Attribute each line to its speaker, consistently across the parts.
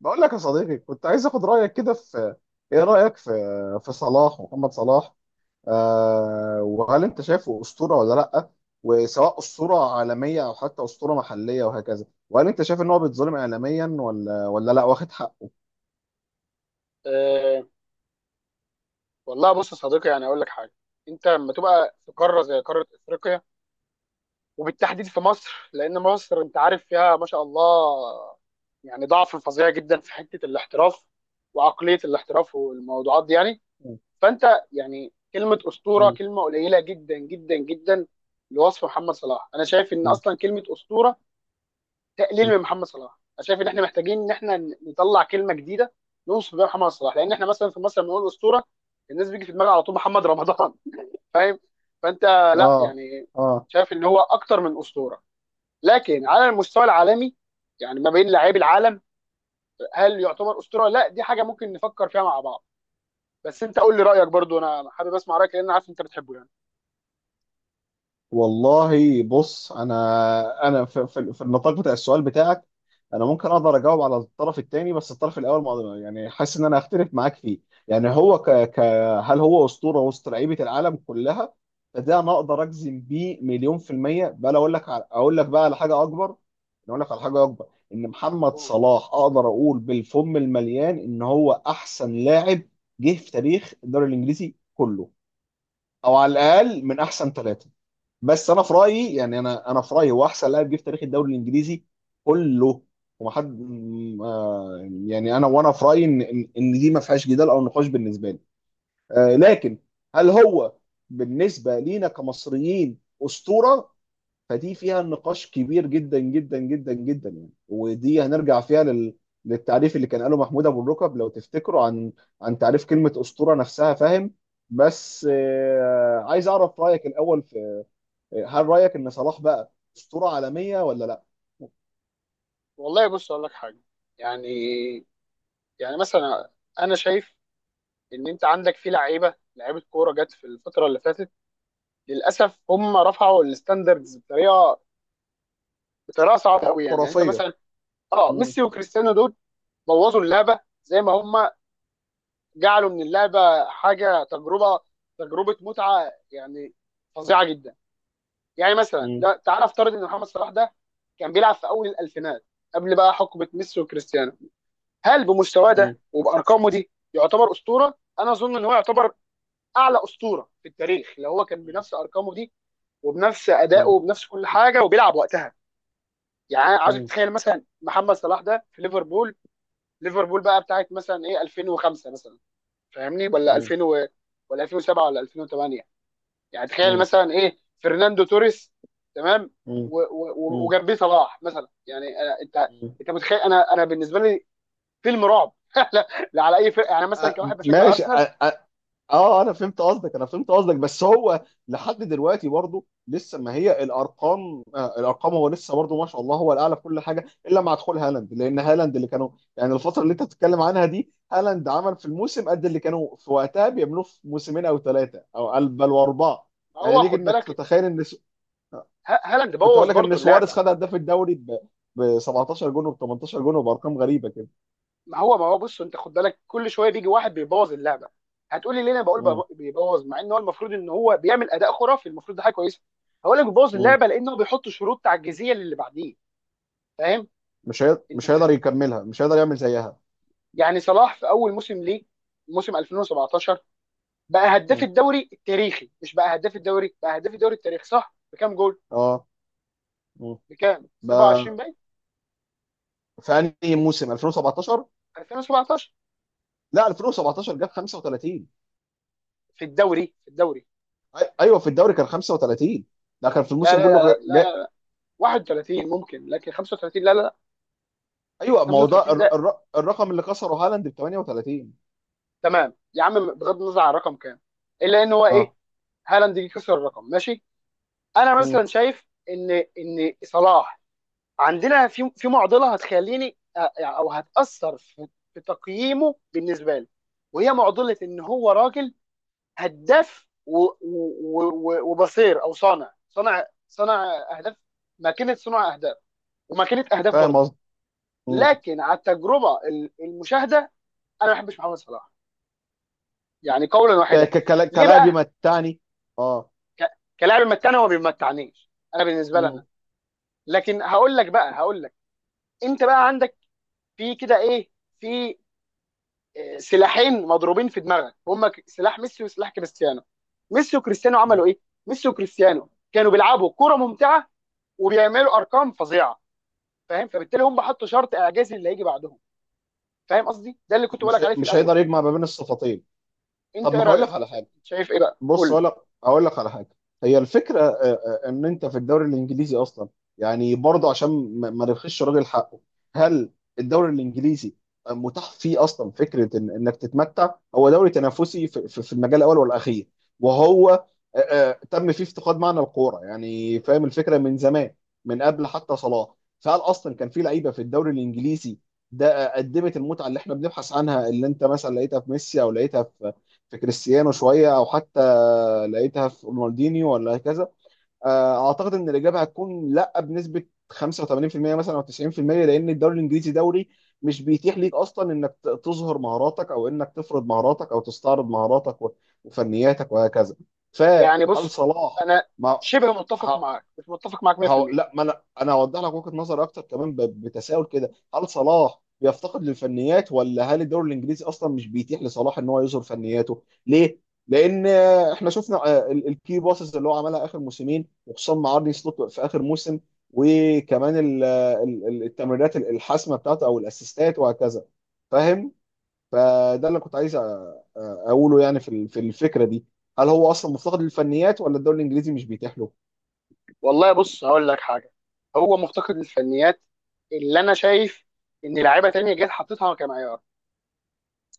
Speaker 1: بقول لك يا صديقي، كنت عايز اخد رايك كده ايه رايك في صلاح، محمد صلاح. وهل انت شايفه اسطوره ولا لا، وسواء اسطوره عالميه او حتى اسطوره محليه وهكذا، وهل انت شايف ان هو بيتظلم اعلاميا ولا لا واخد حقه؟
Speaker 2: أه، والله بص يا صديقي، يعني اقول لك حاجه. انت لما تبقى في قاره زي قاره افريقيا وبالتحديد في مصر، لان مصر انت عارف فيها ما شاء الله، يعني ضعف فظيع جدا في حته الاحتراف وعقليه الاحتراف والموضوعات دي يعني. فانت يعني كلمه اسطوره كلمه قليله جدا جدا جدا لوصف محمد صلاح. انا شايف ان اصلا كلمه اسطوره تقليل من محمد صلاح. انا شايف ان احنا محتاجين ان احنا نطلع كلمه جديده نوصف بيها محمد صلاح، لان احنا مثلا في مصر لما بنقول اسطوره الناس بيجي في دماغها على طول محمد رمضان فاهم؟ فانت، لا
Speaker 1: اه،
Speaker 2: يعني،
Speaker 1: اه.
Speaker 2: شايف ان هو اكتر من اسطوره. لكن على المستوى العالمي، يعني ما بين لاعبي العالم، هل يعتبر اسطوره؟ لا، دي حاجه ممكن نفكر فيها مع بعض. بس انت قول لي رايك برضو، انا حابب اسمع رايك لان أنا عارف انت بتحبه يعني.
Speaker 1: والله بص، انا في النطاق بتاع السؤال بتاعك انا ممكن اقدر اجاوب على الطرف الثاني، بس الطرف الاول ما يعني حاسس ان انا هختلف معاك فيه. يعني هو ك, ك هل هو اسطوره وسط لعيبه العالم كلها؟ فده انا اقدر اجزم بيه مليون في الميه. بقى لو اقول لك بقى على حاجه اكبر، اقول لك على حاجه اكبر: ان محمد
Speaker 2: أوه.
Speaker 1: صلاح اقدر اقول بالفم المليان ان هو احسن لاعب جه في تاريخ الدوري الانجليزي كله، او على الاقل من احسن ثلاثه. بس انا في رايي، يعني، انا في رايي هو احسن لاعب جه في تاريخ الدوري الانجليزي كله. ومحد م- آه، يعني انا في رايي ان ان إن دي ما فيهاش جدال او نقاش بالنسبه لي. لكن هل هو بالنسبه لينا كمصريين اسطوره؟ فدي فيها نقاش كبير جدا جدا جدا جدا، يعني. ودي هنرجع فيها للتعريف اللي كان قاله محمود ابو الركب لو تفتكروا، عن تعريف كلمه اسطوره نفسها، فاهم؟ بس
Speaker 2: مم.
Speaker 1: عايز اعرف رايك الاول. هل رايك ان صلاح بقى اسطوره عالميه ولا لا؟
Speaker 2: والله بص اقول لك حاجه. يعني يعني مثلا انا شايف ان انت عندك في لعيبه كوره جت في الفتره اللي فاتت، للاسف هم رفعوا الستاندردز بطريقه صعبه قوي يعني. يعني انت
Speaker 1: خرافيه.
Speaker 2: مثلا، اه،
Speaker 1: مم.
Speaker 2: ميسي وكريستيانو دول بوظوا اللعبه، زي ما هم جعلوا من اللعبه حاجه تجربه متعه يعني، فظيعه جدا. يعني مثلا،
Speaker 1: مم.
Speaker 2: لا، تعال افترض ان محمد صلاح ده كان بيلعب في اول الالفينات، قبل بقى حقبه ميسي وكريستيانو. هل بمستواه
Speaker 1: مم.
Speaker 2: ده وبارقامه دي يعتبر اسطوره؟ انا اظن ان هو يعتبر اعلى اسطوره في التاريخ لو هو كان
Speaker 1: مم.
Speaker 2: بنفس ارقامه دي وبنفس ادائه
Speaker 1: مم.
Speaker 2: وبنفس كل حاجه وبيلعب وقتها. يعني أنا عايزك
Speaker 1: مم.
Speaker 2: تتخيل مثلا محمد صلاح ده في ليفربول. ليفربول بقى بتاعت مثلا ايه 2005 مثلا، فاهمني؟ ولا 2000 و...، ولا 2007 ولا 2008. يعني تخيل
Speaker 1: مم.
Speaker 2: مثلا ايه فرناندو توريس، تمام،
Speaker 1: مم. مم.
Speaker 2: وجنبيه صلاح مثلا، يعني أنا... انت،
Speaker 1: مم.
Speaker 2: انت متخيل؟ انا بالنسبه لي فيلم رعب لا... لا على اي فرقه، يعني مثلا
Speaker 1: آه،
Speaker 2: كواحد بشجع
Speaker 1: ماشي،
Speaker 2: ارسنال.
Speaker 1: اه، انا فهمت قصدك، انا فهمت قصدك. بس هو لحد دلوقتي برضه لسه، ما هي الارقام، الارقام، هو لسه برضه ما شاء الله هو الاعلى في كل حاجه، الا مع دخول هالاند، لان هالاند اللي كانوا. يعني الفتره اللي انت بتتكلم عنها دي هالاند عمل في الموسم قد اللي كانوا في وقتها بيعملوه في موسمين او ثلاثه، او بل واربعه. يعني
Speaker 2: هو
Speaker 1: ليك
Speaker 2: خد
Speaker 1: انك
Speaker 2: بالك،
Speaker 1: تتخيل ان
Speaker 2: هالاند
Speaker 1: كنت
Speaker 2: بوظ
Speaker 1: اقول لك
Speaker 2: برضو
Speaker 1: ان سواريز
Speaker 2: اللعبه.
Speaker 1: خد هداف الدوري ب 17 جون وب 18 جون وبارقام غريبه كده.
Speaker 2: ما هو بص، انت خد بالك كل شويه بيجي واحد بيبوظ اللعبه. هتقولي ليه انا بقول
Speaker 1: مم.
Speaker 2: بيبوظ مع ان هو المفروض ان هو بيعمل اداء خرافي، المفروض ده حاجه كويسه. هقول لك بيبوظ
Speaker 1: مم.
Speaker 2: اللعبه لانه بيحط شروط تعجيزيه للي بعديه، فاهم؟ انت
Speaker 1: مش هيقدر
Speaker 2: فاهم،
Speaker 1: يكملها، مش هيقدر يعمل زيها.
Speaker 2: يعني صلاح في اول موسم ليه، موسم 2017، بقى هداف
Speaker 1: مم.
Speaker 2: الدوري التاريخي، مش بقى هداف الدوري، بقى هداف الدوري التاريخي، صح؟ بكام جول؟
Speaker 1: اه. مم.
Speaker 2: بكام
Speaker 1: ما
Speaker 2: 27، باين.
Speaker 1: في انهي موسم؟ 2017؟
Speaker 2: 2017
Speaker 1: لا، 2017 جاب 35.
Speaker 2: في الدوري، في الدوري،
Speaker 1: ايوه، في الدوري كان 35. ده كان في
Speaker 2: لا لا
Speaker 1: الموسم
Speaker 2: لا
Speaker 1: كله
Speaker 2: لا لا، 31 ممكن لكن 35 لا لا لا.
Speaker 1: ايوه، ما هو ده
Speaker 2: 35
Speaker 1: الرقم اللي كسره هالاند ب 38.
Speaker 2: تمام يا عم، بغض النظر عن الرقم كام، الا ان هو ايه،
Speaker 1: اه.
Speaker 2: هالاند جه كسر الرقم ماشي. انا
Speaker 1: مم.
Speaker 2: مثلا شايف ان صلاح عندنا في معضله هتخليني او هتاثر في في تقييمه بالنسبه لي، وهي معضله ان هو راجل هداف وبصير، او صانع اهداف، ماكينه صنع اهداف وماكينه اهداف
Speaker 1: فاهم
Speaker 2: برضه.
Speaker 1: قصدي. مم.
Speaker 2: لكن على التجربه، المشاهده، انا ما بحبش محمد صلاح، يعني قولا واحدا. ليه
Speaker 1: كلاعب
Speaker 2: بقى؟
Speaker 1: يمتعني. اه.
Speaker 2: ك- كلاعب يمتعني، هو ما بيمتعنيش انا بالنسبه
Speaker 1: مم.
Speaker 2: لنا. لكن هقول لك بقى، هقول لك، انت بقى عندك في كده ايه، في، آه، سلاحين مضروبين في دماغك هما سلاح ميسي وسلاح كريستيانو. ميسي وكريستيانو عملوا ايه؟ ميسي وكريستيانو كانوا بيلعبوا كرة ممتعة وبيعملوا ارقام فظيعة، فاهم؟ فبالتالي هم حطوا شرط اعجازي اللي هيجي بعدهم. فاهم قصدي؟ ده اللي كنت بقول لك عليه في
Speaker 1: مش
Speaker 2: الاول.
Speaker 1: هيقدر يجمع ما بين الصفتين.
Speaker 2: انت
Speaker 1: طب
Speaker 2: ايه
Speaker 1: ما هقول لك
Speaker 2: رايك؟
Speaker 1: على حاجه.
Speaker 2: شايف ايه بقى؟ قول
Speaker 1: بص،
Speaker 2: لي.
Speaker 1: اقول لك، اقول لك على حاجه. هي الفكره، ان انت في الدوري الانجليزي اصلا، يعني، برضه عشان ما نرخيش راجل حقه: هل الدوري الانجليزي متاح فيه اصلا فكره إن انك تتمتع؟ هو دوري تنافسي في المجال الاول والاخير، وهو تم فيه افتقاد معنى الكوره، يعني، فاهم الفكره من زمان، من قبل حتى صلاح. فهل اصلا كان في لعيبه في الدوري الانجليزي ده قدمت المتعه اللي احنا بنبحث عنها، اللي انت مثلا لقيتها في ميسي او لقيتها في كريستيانو شويه، او حتى لقيتها في رونالدينيو ولا هكذا؟ اعتقد ان الاجابه هتكون لا، بنسبه 85% مثلا او 90%، لان الدوري الانجليزي دوري مش بيتيح ليك اصلا انك تظهر مهاراتك، او انك تفرض مهاراتك، او تستعرض مهاراتك وفنياتك وهكذا.
Speaker 2: يعني
Speaker 1: فهل
Speaker 2: بص
Speaker 1: صلاح
Speaker 2: انا
Speaker 1: مع
Speaker 2: شبه متفق
Speaker 1: ه-
Speaker 2: معاك، مش متفق معاك
Speaker 1: هو،
Speaker 2: 100%.
Speaker 1: لا، ما انا هوضح لك وجهة نظر اكتر كمان بتساؤل كده: هل صلاح بيفتقد للفنيات، ولا هل الدوري الانجليزي اصلا مش بيتيح لصلاح ان هو يظهر فنياته؟ ليه؟ لان احنا شفنا الكي باسز اللي هو عملها اخر موسمين، وخصوصا مع ارني سلوت في اخر موسم. وكمان التمريرات الحاسمه بتاعته، او الاسيستات وهكذا، فاهم؟ فده اللي كنت عايز اقوله، يعني، في الفكره دي: هل هو اصلا مفتقد للفنيات ولا الدوري الانجليزي مش بيتيح له؟
Speaker 2: والله بص هقول لك حاجه، هو مفتقد للفنيات. اللي انا شايف ان لعيبه تانية جت حطيتها كمعيار.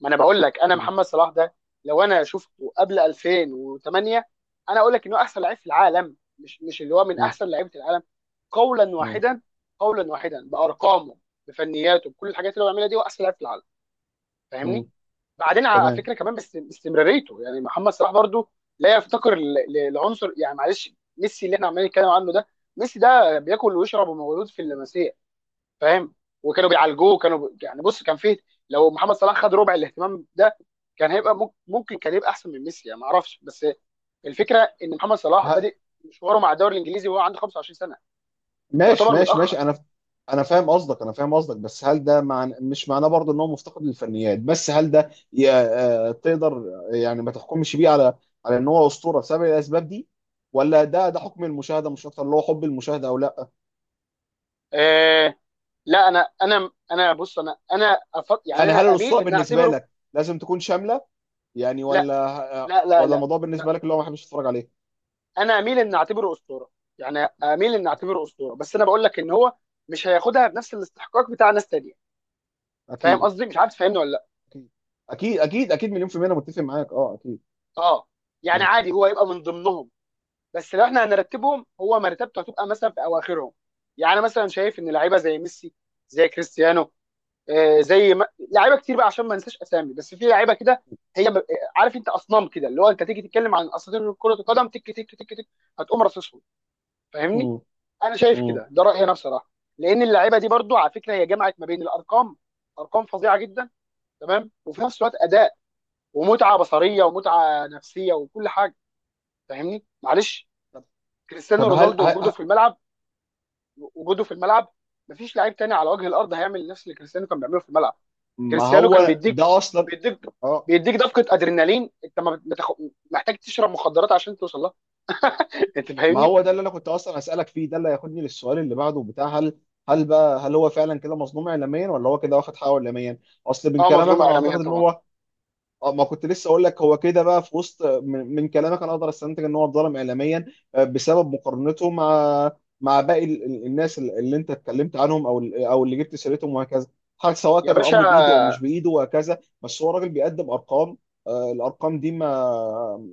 Speaker 2: ما انا بقول لك، انا
Speaker 1: مم.
Speaker 2: محمد صلاح ده لو انا شفته قبل 2008، انا اقول لك انه احسن لعيب في العالم، مش مش اللي هو من
Speaker 1: مم.
Speaker 2: احسن لعيبه العالم، قولا
Speaker 1: مم.
Speaker 2: واحدا. قولا واحدا، بارقامه، بفنياته، بكل الحاجات اللي هو بيعملها دي، هو احسن لعيب في العالم،
Speaker 1: مم.
Speaker 2: فاهمني؟ بعدين على
Speaker 1: تمام.
Speaker 2: فكره كمان، بس استمراريته يعني محمد صلاح برضو لا يفتقر لعنصر. يعني معلش، ميسي اللي احنا عمالين نتكلم عنه ده، ميسي ده بياكل ويشرب ومولود في اللمسيه فاهم، وكانوا بيعالجوه، كانوا يعني بص كان فيه، لو محمد صلاح خد ربع الاهتمام ده كان هيبقى ممكن كان يبقى احسن من ميسي، يعني ما اعرفش. بس الفكره ان محمد صلاح
Speaker 1: ه...
Speaker 2: بادئ مشواره مع الدوري الانجليزي وهو عنده 25 سنه،
Speaker 1: ماشي،
Speaker 2: يعتبر
Speaker 1: ماشي،
Speaker 2: متاخر.
Speaker 1: ماشي. انا فاهم قصدك، انا فاهم قصدك. بس هل ده مش معناه برضه ان هو مفتقد للفنيات، بس هل ده ي... آه، تقدر، يعني، ما تحكمش بيه على ان هو اسطوره بسبب الاسباب دي؟ ولا ده حكم المشاهده مش اكتر، اللي هو حب المشاهده او لا؟
Speaker 2: آه، لا، انا بص، انا يعني
Speaker 1: يعني
Speaker 2: انا
Speaker 1: هل الاسطوره
Speaker 2: اميل ان
Speaker 1: بالنسبه
Speaker 2: اعتبره،
Speaker 1: لك لازم تكون شامله، يعني،
Speaker 2: لا
Speaker 1: ولا
Speaker 2: لا لا
Speaker 1: ولا الموضوع
Speaker 2: لا،
Speaker 1: بالنسبه لك اللي هو ما حدش يتفرج عليه؟
Speaker 2: انا اميل ان اعتبره اسطوره. يعني اميل ان اعتبره اسطوره، بس انا بقول لك ان هو مش هياخدها بنفس الاستحقاق بتاع ناس تانية، فاهم
Speaker 1: اكيد،
Speaker 2: قصدي؟ مش عارف تفهمني ولا لا؟
Speaker 1: اكيد، اكيد، اكيد، اكيد، مليون في المية، انا متفق معاك، اه، اكيد.
Speaker 2: اه، يعني
Speaker 1: م.
Speaker 2: عادي هو يبقى من ضمنهم، بس لو احنا هنرتبهم هو مرتبته هتبقى مثلا في اواخرهم. يعني أنا مثلا شايف ان لعيبه زي ميسي، زي كريستيانو، آه، زي ما...، لعيبه كتير بقى عشان ما ننساش اسامي، بس في لعيبه كده، هي عارف، انت اصنام كده اللي هو انت تيجي تتكلم عن اساطير كره القدم تك تك تك تك، هتقوم رصصهم، فاهمني؟
Speaker 1: م.
Speaker 2: انا شايف
Speaker 1: م.
Speaker 2: كده، ده رايي انا بصراحه. لان اللعيبه دي برضو على فكره هي جمعت ما بين الارقام، ارقام فظيعه جدا تمام، وفي نفس الوقت اداء ومتعه بصريه ومتعه نفسيه وكل حاجه، فاهمني؟ معلش، كريستيانو
Speaker 1: طب هل
Speaker 2: رونالدو وجوده
Speaker 1: هل
Speaker 2: في الملعب، وجوده في الملعب، مفيش لعيب تاني على وجه الارض هيعمل نفس اللي كريستيانو كان بيعمله في الملعب.
Speaker 1: ما
Speaker 2: كريستيانو كان
Speaker 1: هو
Speaker 2: بيديك،
Speaker 1: ده اصلا.
Speaker 2: بيديك،
Speaker 1: اه،
Speaker 2: بيديك دفقه ادرينالين، انت ما بتخ... محتاج تشرب مخدرات عشان توصل لها، انت
Speaker 1: ما
Speaker 2: فاهمني؟
Speaker 1: هو ده اللي انا كنت اصلا اسالك فيه، ده اللي هياخدني للسؤال اللي بعده بتاع: هل بقى هل هو فعلا كده مظلوم اعلاميا، ولا هو كده واخد حقه اعلاميا؟ اصل من
Speaker 2: اه،
Speaker 1: كلامك
Speaker 2: مظلوم
Speaker 1: انا
Speaker 2: اعلاميا
Speaker 1: اعتقد ان
Speaker 2: طبعا.
Speaker 1: هو. اه، ما كنت لسه اقول لك، هو كده بقى، في وسط من كلامك انا اقدر استنتج ان هو اتظلم اعلاميا، بسبب مقارنته مع باقي الناس اللي انت اتكلمت عنهم، او اللي جبت سيرتهم وهكذا. حاجه سواء
Speaker 2: يا
Speaker 1: كان الامر بايده او مش
Speaker 2: باشا،
Speaker 1: بايده وهكذا، بس هو راجل بيقدم ارقام. الارقام دي ما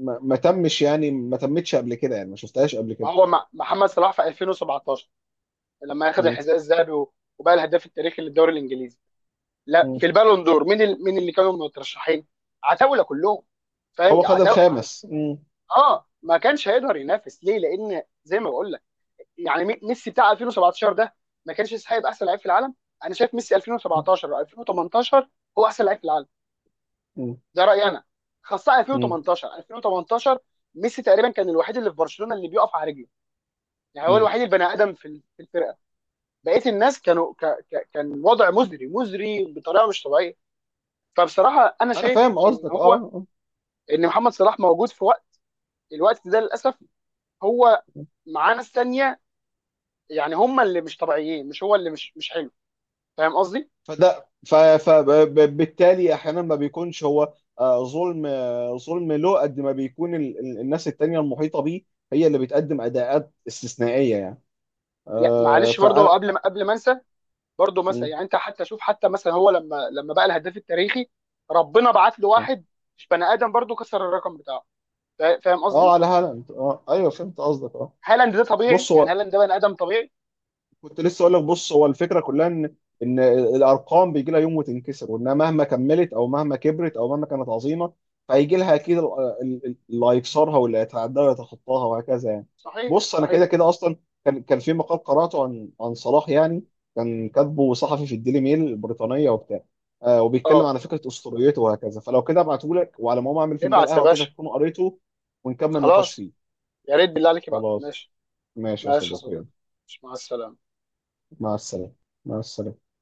Speaker 1: ما ما تمش، يعني، ما تمتش قبل كده، يعني ما شفتهاش قبل
Speaker 2: ما
Speaker 1: كده.
Speaker 2: هو محمد صلاح في 2017 لما اخذ
Speaker 1: م-
Speaker 2: الحذاء الذهبي وبقى الهداف التاريخي للدوري الانجليزي، لا،
Speaker 1: م.
Speaker 2: في البالون دور مين، مين اللي كانوا مترشحين؟ عتاوله كلهم، فاهم؟
Speaker 1: هو خد الخامس. م-
Speaker 2: اه، ما كانش هيقدر ينافس ليه، لان زي ما بقول لك، يعني ميسي بتاع 2017 ده ما كانش يستحق يبقى احسن لعيب في العالم. انا شايف ميسي
Speaker 1: م-
Speaker 2: 2017 او 2018 هو احسن لعيب في العالم،
Speaker 1: م-
Speaker 2: ده رايي انا، خاصه
Speaker 1: م-
Speaker 2: 2018 2018 ميسي تقريبا كان الوحيد اللي في برشلونه اللي بيقف على رجله، يعني هو
Speaker 1: م.
Speaker 2: الوحيد البني ادم في في الفرقه. بقيه الناس كانوا كان وضع مزري مزري بطريقه مش طبيعيه. فبصراحه انا
Speaker 1: انا
Speaker 2: شايف
Speaker 1: فاهم
Speaker 2: ان
Speaker 1: قصدك،
Speaker 2: هو،
Speaker 1: اه، آه.
Speaker 2: ان محمد صلاح موجود في وقت، الوقت ده للاسف هو معاه ناس ثانيه، يعني هم اللي مش طبيعيين، مش هو اللي مش حلو، فاهم قصدي؟
Speaker 1: فده فبالتالي احيانا ما بيكونش هو ظلم، ظلم له قد ما بيكون الناس التانية المحيطة بيه هي اللي بتقدم اداءات استثنائية، يعني،
Speaker 2: معلش برضه،
Speaker 1: فانا.
Speaker 2: قبل ما انسى، برضه مثلا
Speaker 1: م-
Speaker 2: يعني انت حتى شوف، حتى مثلا هو لما بقى الهداف التاريخي ربنا بعت له
Speaker 1: م.
Speaker 2: واحد مش بني ادم، برضه كسر الرقم بتاعه، فاهم
Speaker 1: اه،
Speaker 2: قصدي؟
Speaker 1: على هالاند، اه، ايوه فهمت قصدك، اه.
Speaker 2: هالاند ده طبيعي،
Speaker 1: بص
Speaker 2: يعني
Speaker 1: هو،
Speaker 2: هالاند ده بني ادم طبيعي.
Speaker 1: كنت لسه اقول لك، بص هو الفكره كلها ان الارقام بيجي لها يوم وتنكسر، وانها مهما كملت او مهما كبرت او مهما كانت عظيمه، فهيجي لها اكيد اللي هيكسرها، واللي هيتعداها ويتخطاها وهكذا، يعني.
Speaker 2: صحيح
Speaker 1: بص، انا كده
Speaker 2: صحيح.
Speaker 1: كده اصلا، كان في مقال قراته عن صلاح، يعني، كان كاتبه صحفي في الديلي ميل البريطانيه وبتاع، وبيتكلم
Speaker 2: اه،
Speaker 1: على فكره اسطوريته وهكذا. فلو كده ابعته لك، وعلى ما أقوم اعمل فنجان
Speaker 2: ابعت يا
Speaker 1: قهوه كده
Speaker 2: باشا.
Speaker 1: تكون قريته، ونكمل نقاش
Speaker 2: خلاص،
Speaker 1: فيه.
Speaker 2: يا ريت بالله عليك بقى.
Speaker 1: خلاص.
Speaker 2: ماشي،
Speaker 1: ماشي يا
Speaker 2: ماشي يا
Speaker 1: صديقي،
Speaker 2: صديقي.
Speaker 1: يلا.
Speaker 2: ماشي، مع السلامة.
Speaker 1: مع السلامه. مع السلامه.